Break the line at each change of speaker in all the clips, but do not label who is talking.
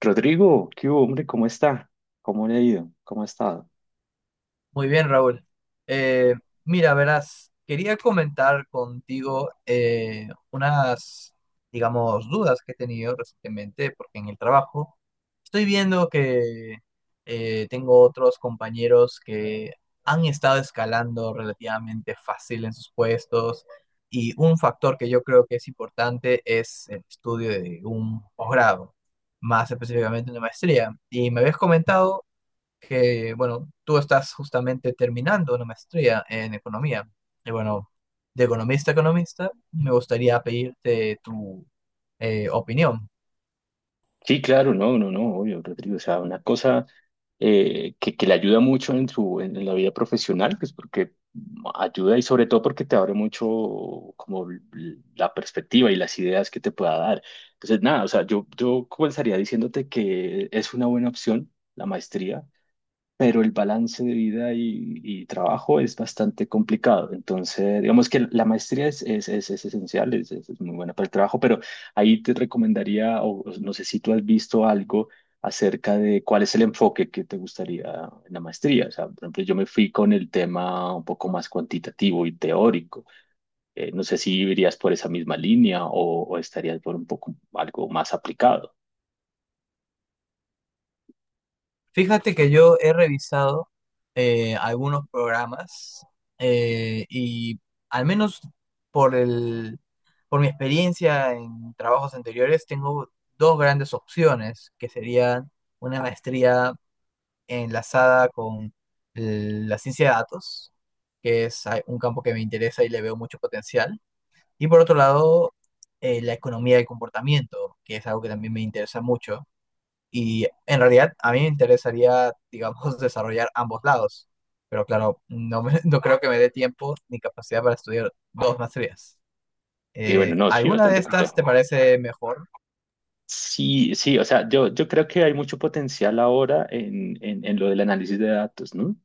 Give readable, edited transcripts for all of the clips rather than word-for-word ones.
Rodrigo, ¿qué hubo, hombre? ¿Cómo está? ¿Cómo le ha ido? ¿Cómo ha estado?
Muy bien, Raúl. Eh, Mira, verás, quería comentar contigo unas, digamos, dudas que he tenido recientemente, porque en el trabajo estoy viendo que tengo otros compañeros que han estado escalando relativamente fácil en sus puestos y un factor que yo creo que es importante es el estudio de un posgrado, más específicamente una maestría. Y me habías comentado que, bueno, tú estás justamente terminando una maestría en economía. Y bueno, de economista a economista, me gustaría pedirte tu opinión.
Sí, claro, no, no, no, obvio, Rodrigo. O sea, una cosa que le ayuda mucho en en la vida profesional, pues porque ayuda y sobre todo porque te abre mucho como la perspectiva y las ideas que te pueda dar. Entonces, nada, o sea, yo comenzaría diciéndote que es una buena opción la maestría, pero el balance de vida y trabajo es bastante complicado. Entonces, digamos que la maestría es esencial, es muy buena para el trabajo, pero ahí te recomendaría, o no sé si tú has visto algo acerca de cuál es el enfoque que te gustaría en la maestría. O sea, por ejemplo, yo me fui con el tema un poco más cuantitativo y teórico. No sé si irías por esa misma línea o estarías por un poco algo más aplicado.
Fíjate que yo he revisado algunos programas y al menos por el, por mi experiencia en trabajos anteriores, tengo dos grandes opciones, que serían una maestría enlazada con la ciencia de datos, que es un campo que me interesa y le veo mucho potencial. Y por otro lado, la economía del comportamiento, que es algo que también me interesa mucho. Y en realidad a mí me interesaría, digamos, desarrollar ambos lados. Pero claro, no, no creo que me dé tiempo ni capacidad para estudiar dos maestrías.
Y bueno, no, sí,
¿Alguna de
bastante
estas te
complejo.
parece mejor?
Sí, sí, o sea, yo creo que hay mucho potencial ahora en lo del análisis de datos, ¿no?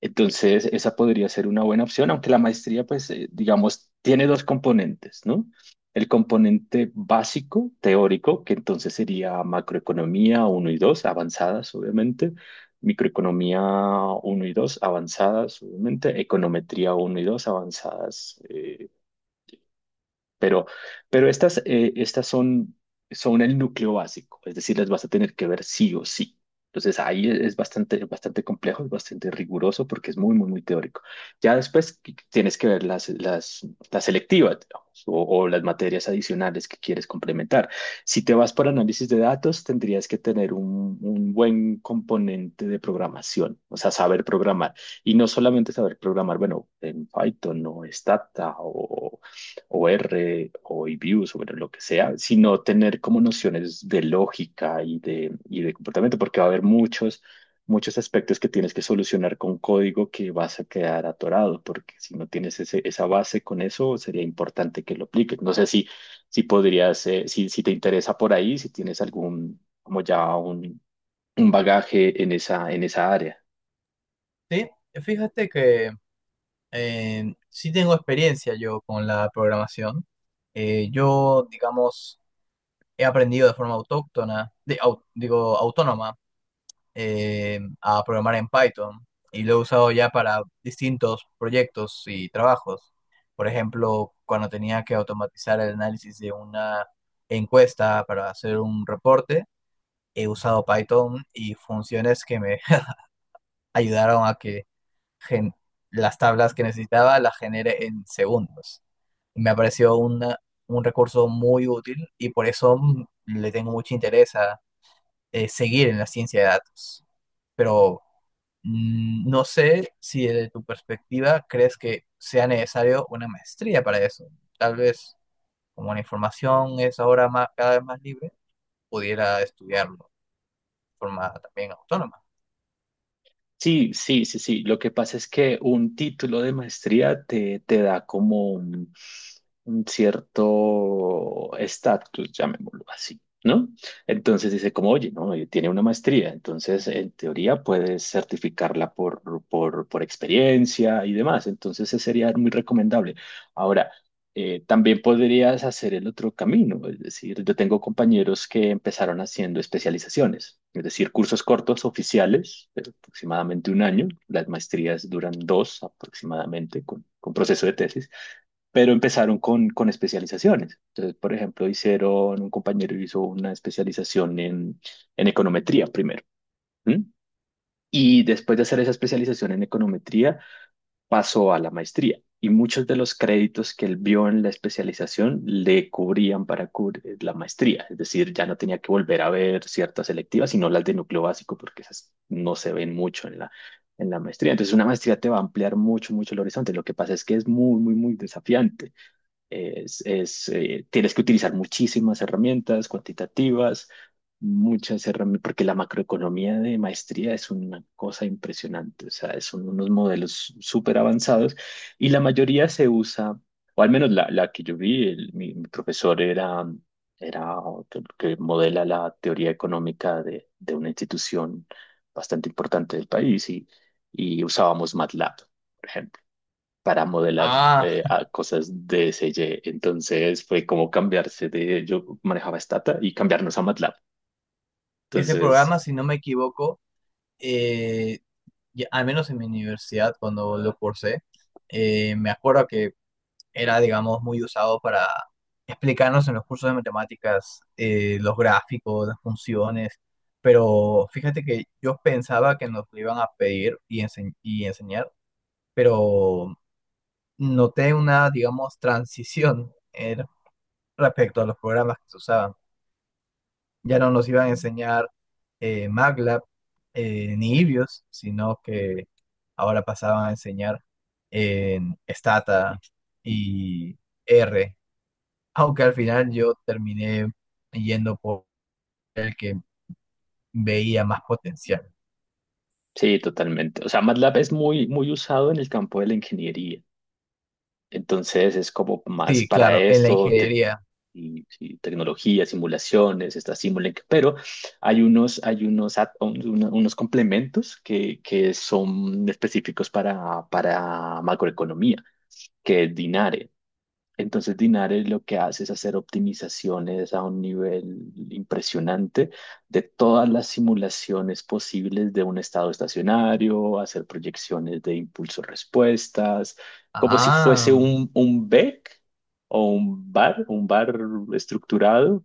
Entonces, esa podría ser una buena opción, aunque la maestría, pues, digamos, tiene dos componentes, ¿no? El componente básico, teórico, que entonces sería macroeconomía uno y 2 avanzadas, obviamente, microeconomía uno y 2 avanzadas, obviamente, econometría uno y 2 avanzadas, pero, pero estas, estas son el núcleo básico, es decir, las vas a tener que ver sí o sí. Entonces ahí es bastante, bastante complejo, es bastante riguroso porque es muy, muy, muy teórico. Ya después tienes que ver las selectivas, digamos, o las materias adicionales que quieres complementar. Si te vas por análisis de datos, tendrías que tener un buen componente de programación, o sea, saber programar. Y no solamente saber programar, bueno, en Python o Stata o R o Views o bueno lo que sea, sino tener como nociones de lógica y y de comportamiento, porque va a haber muchos aspectos que tienes que solucionar con código que vas a quedar atorado, porque si no tienes esa base con eso, sería importante que lo apliques. No sé si, si podrías, si te interesa por ahí, si tienes algún, como ya un bagaje en esa área.
Sí, fíjate que, sí tengo experiencia yo con la programación. Yo, digamos, he aprendido de forma autóctona, digo, autónoma, a programar en Python y lo he usado ya para distintos proyectos y trabajos. Por ejemplo, cuando tenía que automatizar el análisis de una encuesta para hacer un reporte, he usado Python y funciones que me ayudaron a que gen- las tablas que necesitaba las genere en segundos. Me ha parecido un recurso muy útil y por eso le tengo mucho interés a seguir en la ciencia de datos. Pero no sé si desde tu perspectiva crees que sea necesario una maestría para eso. Tal vez como la información es ahora más, cada vez más libre, pudiera estudiarlo de forma también autónoma.
Sí, sí, sí, sí. Lo que pasa es que un título de maestría te da como un cierto estatus, llamémoslo así, ¿no? Entonces dice como, oye, no, tiene una maestría, entonces en teoría puedes certificarla por experiencia y demás, entonces ese sería muy recomendable. Ahora, también podrías hacer el otro camino, es decir, yo tengo compañeros que empezaron haciendo especializaciones, es decir, cursos cortos oficiales, pero aproximadamente un año, las maestrías duran dos aproximadamente con proceso de tesis, pero empezaron con especializaciones. Entonces, por ejemplo, hicieron, un compañero hizo una especialización en econometría primero. ¿M? Y después de hacer esa especialización en econometría, pasó a la maestría y muchos de los créditos que él vio en la especialización le cubrían para cubrir la maestría, es decir, ya no tenía que volver a ver ciertas selectivas, sino las de núcleo básico, porque esas no se ven mucho en la maestría. Entonces, una maestría te va a ampliar mucho, mucho el horizonte. Lo que pasa es que es muy, muy, muy desafiante. Tienes que utilizar muchísimas herramientas cuantitativas, muchas herramientas, porque la macroeconomía de maestría es una cosa impresionante, o sea, son unos modelos súper avanzados y la mayoría se usa, o al menos la que yo vi, mi profesor era, era otro que modela la teoría económica de una institución bastante importante del país y usábamos MATLAB, por ejemplo, para modelar
Ah,
a cosas de CG. Entonces fue como cambiarse de, yo manejaba Stata y cambiarnos a MATLAB.
ese programa,
Entonces,
si no me equivoco, eh, al menos en mi universidad cuando lo cursé, me acuerdo que era, digamos, muy usado para explicarnos en los cursos de matemáticas los gráficos, las funciones, pero fíjate que yo pensaba que nos lo iban a pedir y, y enseñar, pero noté una, digamos, transición respecto a los programas que se usaban. Ya no nos iban a enseñar MATLAB ni Ibios, sino que ahora pasaban a enseñar en Stata y R, aunque al final yo terminé yendo por el que veía más potencial.
sí, totalmente. O sea, MATLAB es muy, muy usado en el campo de la ingeniería. Entonces es como más
Sí,
para
claro, en la
esto,
ingeniería.
y tecnología, simulaciones, está Simulink, pero hay unos add-ons, unos complementos que son específicos para macroeconomía, que es Dinare. Entonces Dinares lo que hace es hacer optimizaciones a un nivel impresionante de todas las simulaciones posibles de un estado estacionario, hacer proyecciones de impulso-respuestas, como si
Ah,
fuese un BEC o un bar estructurado,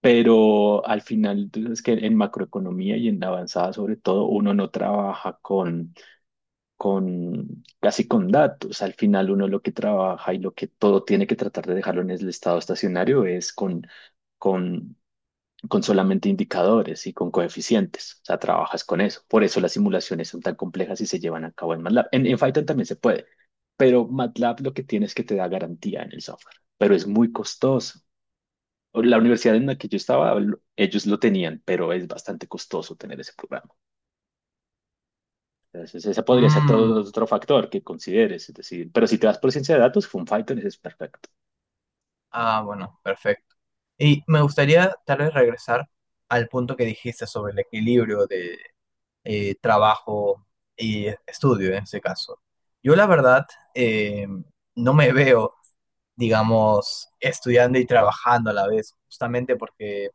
pero al final, tú sabes que en macroeconomía y en la avanzada sobre todo, uno no trabaja con casi con datos. Al final uno lo que trabaja y lo que todo tiene que tratar de dejarlo en el estado estacionario es con, con solamente indicadores y con coeficientes. O sea, trabajas con eso. Por eso las simulaciones son tan complejas y se llevan a cabo en MATLAB. En Python también se puede, pero MATLAB lo que tiene es que te da garantía en el software, pero es muy costoso. La universidad en la que yo estaba, ellos lo tenían, pero es bastante costoso tener ese programa. Entonces, ese podría ser todo
mm,
otro factor que consideres. Es decir, pero si te vas por ciencia de datos, FunFighter ese es perfecto.
bueno, perfecto. Y me gustaría tal vez regresar al punto que dijiste sobre el equilibrio de trabajo y estudio en ese caso. Yo la verdad eh, no me veo, digamos, estudiando y trabajando a la vez, justamente porque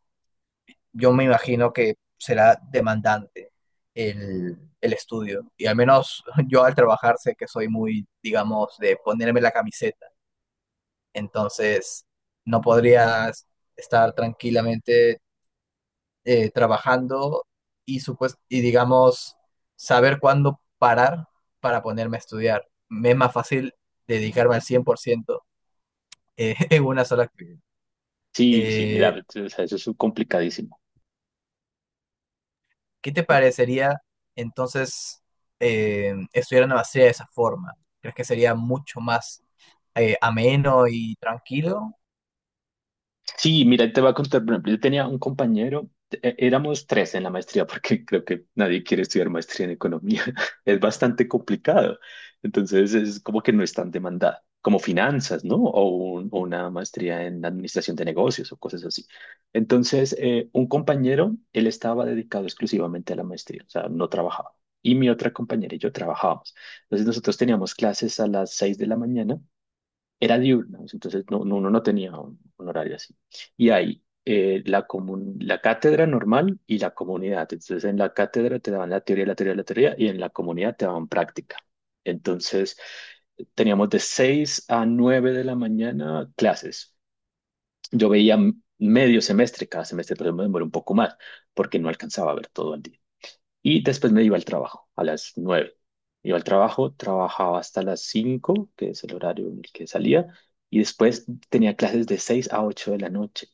yo me imagino que será demandante el estudio. Y al menos yo al trabajar sé que soy muy, digamos, de ponerme la camiseta. Entonces, no podrías estar tranquilamente trabajando y, digamos, saber cuándo parar para ponerme a estudiar. Me es más fácil dedicarme al 100% en una sola actividad.
Sí, sí, mira,
Eh,
o sea, eso es complicadísimo.
¿Qué te parecería entonces estudiar en la maestría de esa forma? ¿Crees que sería mucho más ameno y tranquilo?
Sí, mira, te voy a contar, por ejemplo, yo tenía un compañero, éramos tres en la maestría, porque creo que nadie quiere estudiar maestría en economía, es bastante complicado, entonces es como que no es tan demandada, como finanzas, ¿no? O, o una maestría en administración de negocios o cosas así. Entonces, un compañero, él estaba dedicado exclusivamente a la maestría, o sea, no trabajaba. Y mi otra compañera y yo trabajábamos. Entonces, nosotros teníamos clases a las seis de la mañana, era diurnos, entonces uno no tenía un horario así. Y hay la cátedra normal y la comunidad. Entonces en la cátedra te daban la teoría y en la comunidad te daban práctica. Entonces teníamos de 6 a 9 de la mañana clases. Yo veía medio semestre, cada semestre, entonces me demoré un poco más porque no alcanzaba a ver todo el día. Y después me iba al trabajo, a las nueve. Iba al trabajo, trabajaba hasta las cinco, que es el horario en el que salía, y después tenía clases de 6 a 8 de la noche.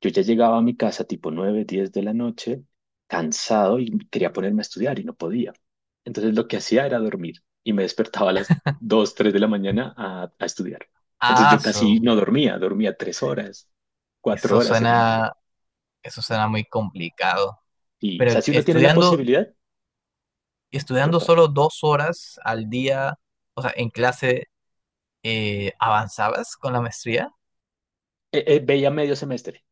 Yo ya llegaba a mi casa tipo 9 10 de la noche, cansado, y quería ponerme a estudiar y no podía. Entonces lo que hacía era dormir y me despertaba a las 2 3 de la mañana a estudiar. Entonces
Ah,
yo casi
eso,
no dormía, dormía 3 horas, 4
eso
horas en el día.
suena, eso suena muy complicado.
Y, o
Pero
sea, si uno tiene la
estudiando,
posibilidad,
estudiando
total.
solo 2 horas al día, o sea, en clase, ¿avanzabas con la maestría?
Veía medio semestre.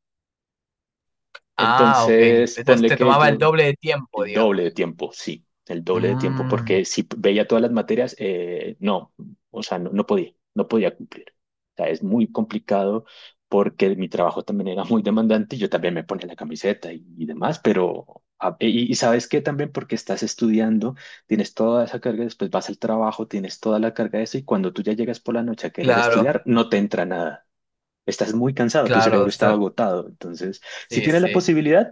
Ah, ok.
Entonces,
Entonces
ponle
te
que
tomaba el
yo,
doble de tiempo,
el doble de
digamos.
tiempo, sí, el doble de tiempo,
Mm,
porque si veía todas las materias, no, o sea, no, no podía cumplir. O sea, es muy complicado porque mi trabajo también era muy demandante y yo también me ponía la camiseta y demás, pero, y sabes qué también, porque estás estudiando, tienes toda esa carga, después vas al trabajo, tienes toda la carga de eso y cuando tú ya llegas por la noche a querer
claro,
estudiar, no te entra nada. Estás muy cansado, tu
claro,
cerebro está
está-
agotado, entonces… Si
sí,
tienes la
sí.
posibilidad,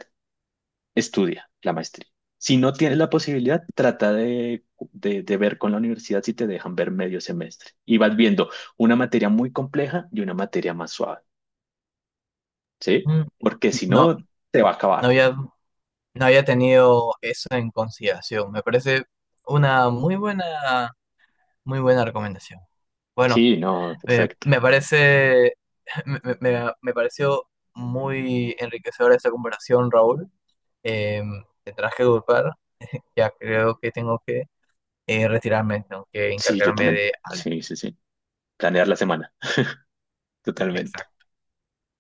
estudia la maestría. Si no tienes la posibilidad, trata de, de ver con la universidad si te dejan ver medio semestre. Y vas viendo una materia muy compleja y una materia más suave, ¿sí?
Mm,
Porque si
No,
no, te va a
No
acabar.
había, no había tenido eso en consideración. Me parece una muy buena recomendación. Bueno,
Sí, no, perfecto.
me parece, me, me- me pareció muy enriquecedora esta comparación, Raúl. Eh, Tendrás que disculpar, ya creo que tengo que retirarme, tengo que
Sí, yo
encargarme
también.
de algo.
Sí, sí, sí. Planear la semana, totalmente.
Exacto.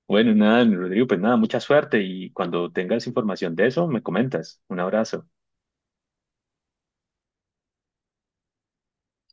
Bueno, nada, Rodrigo, pues nada, mucha suerte y cuando tengas información de eso, me comentas. Un abrazo.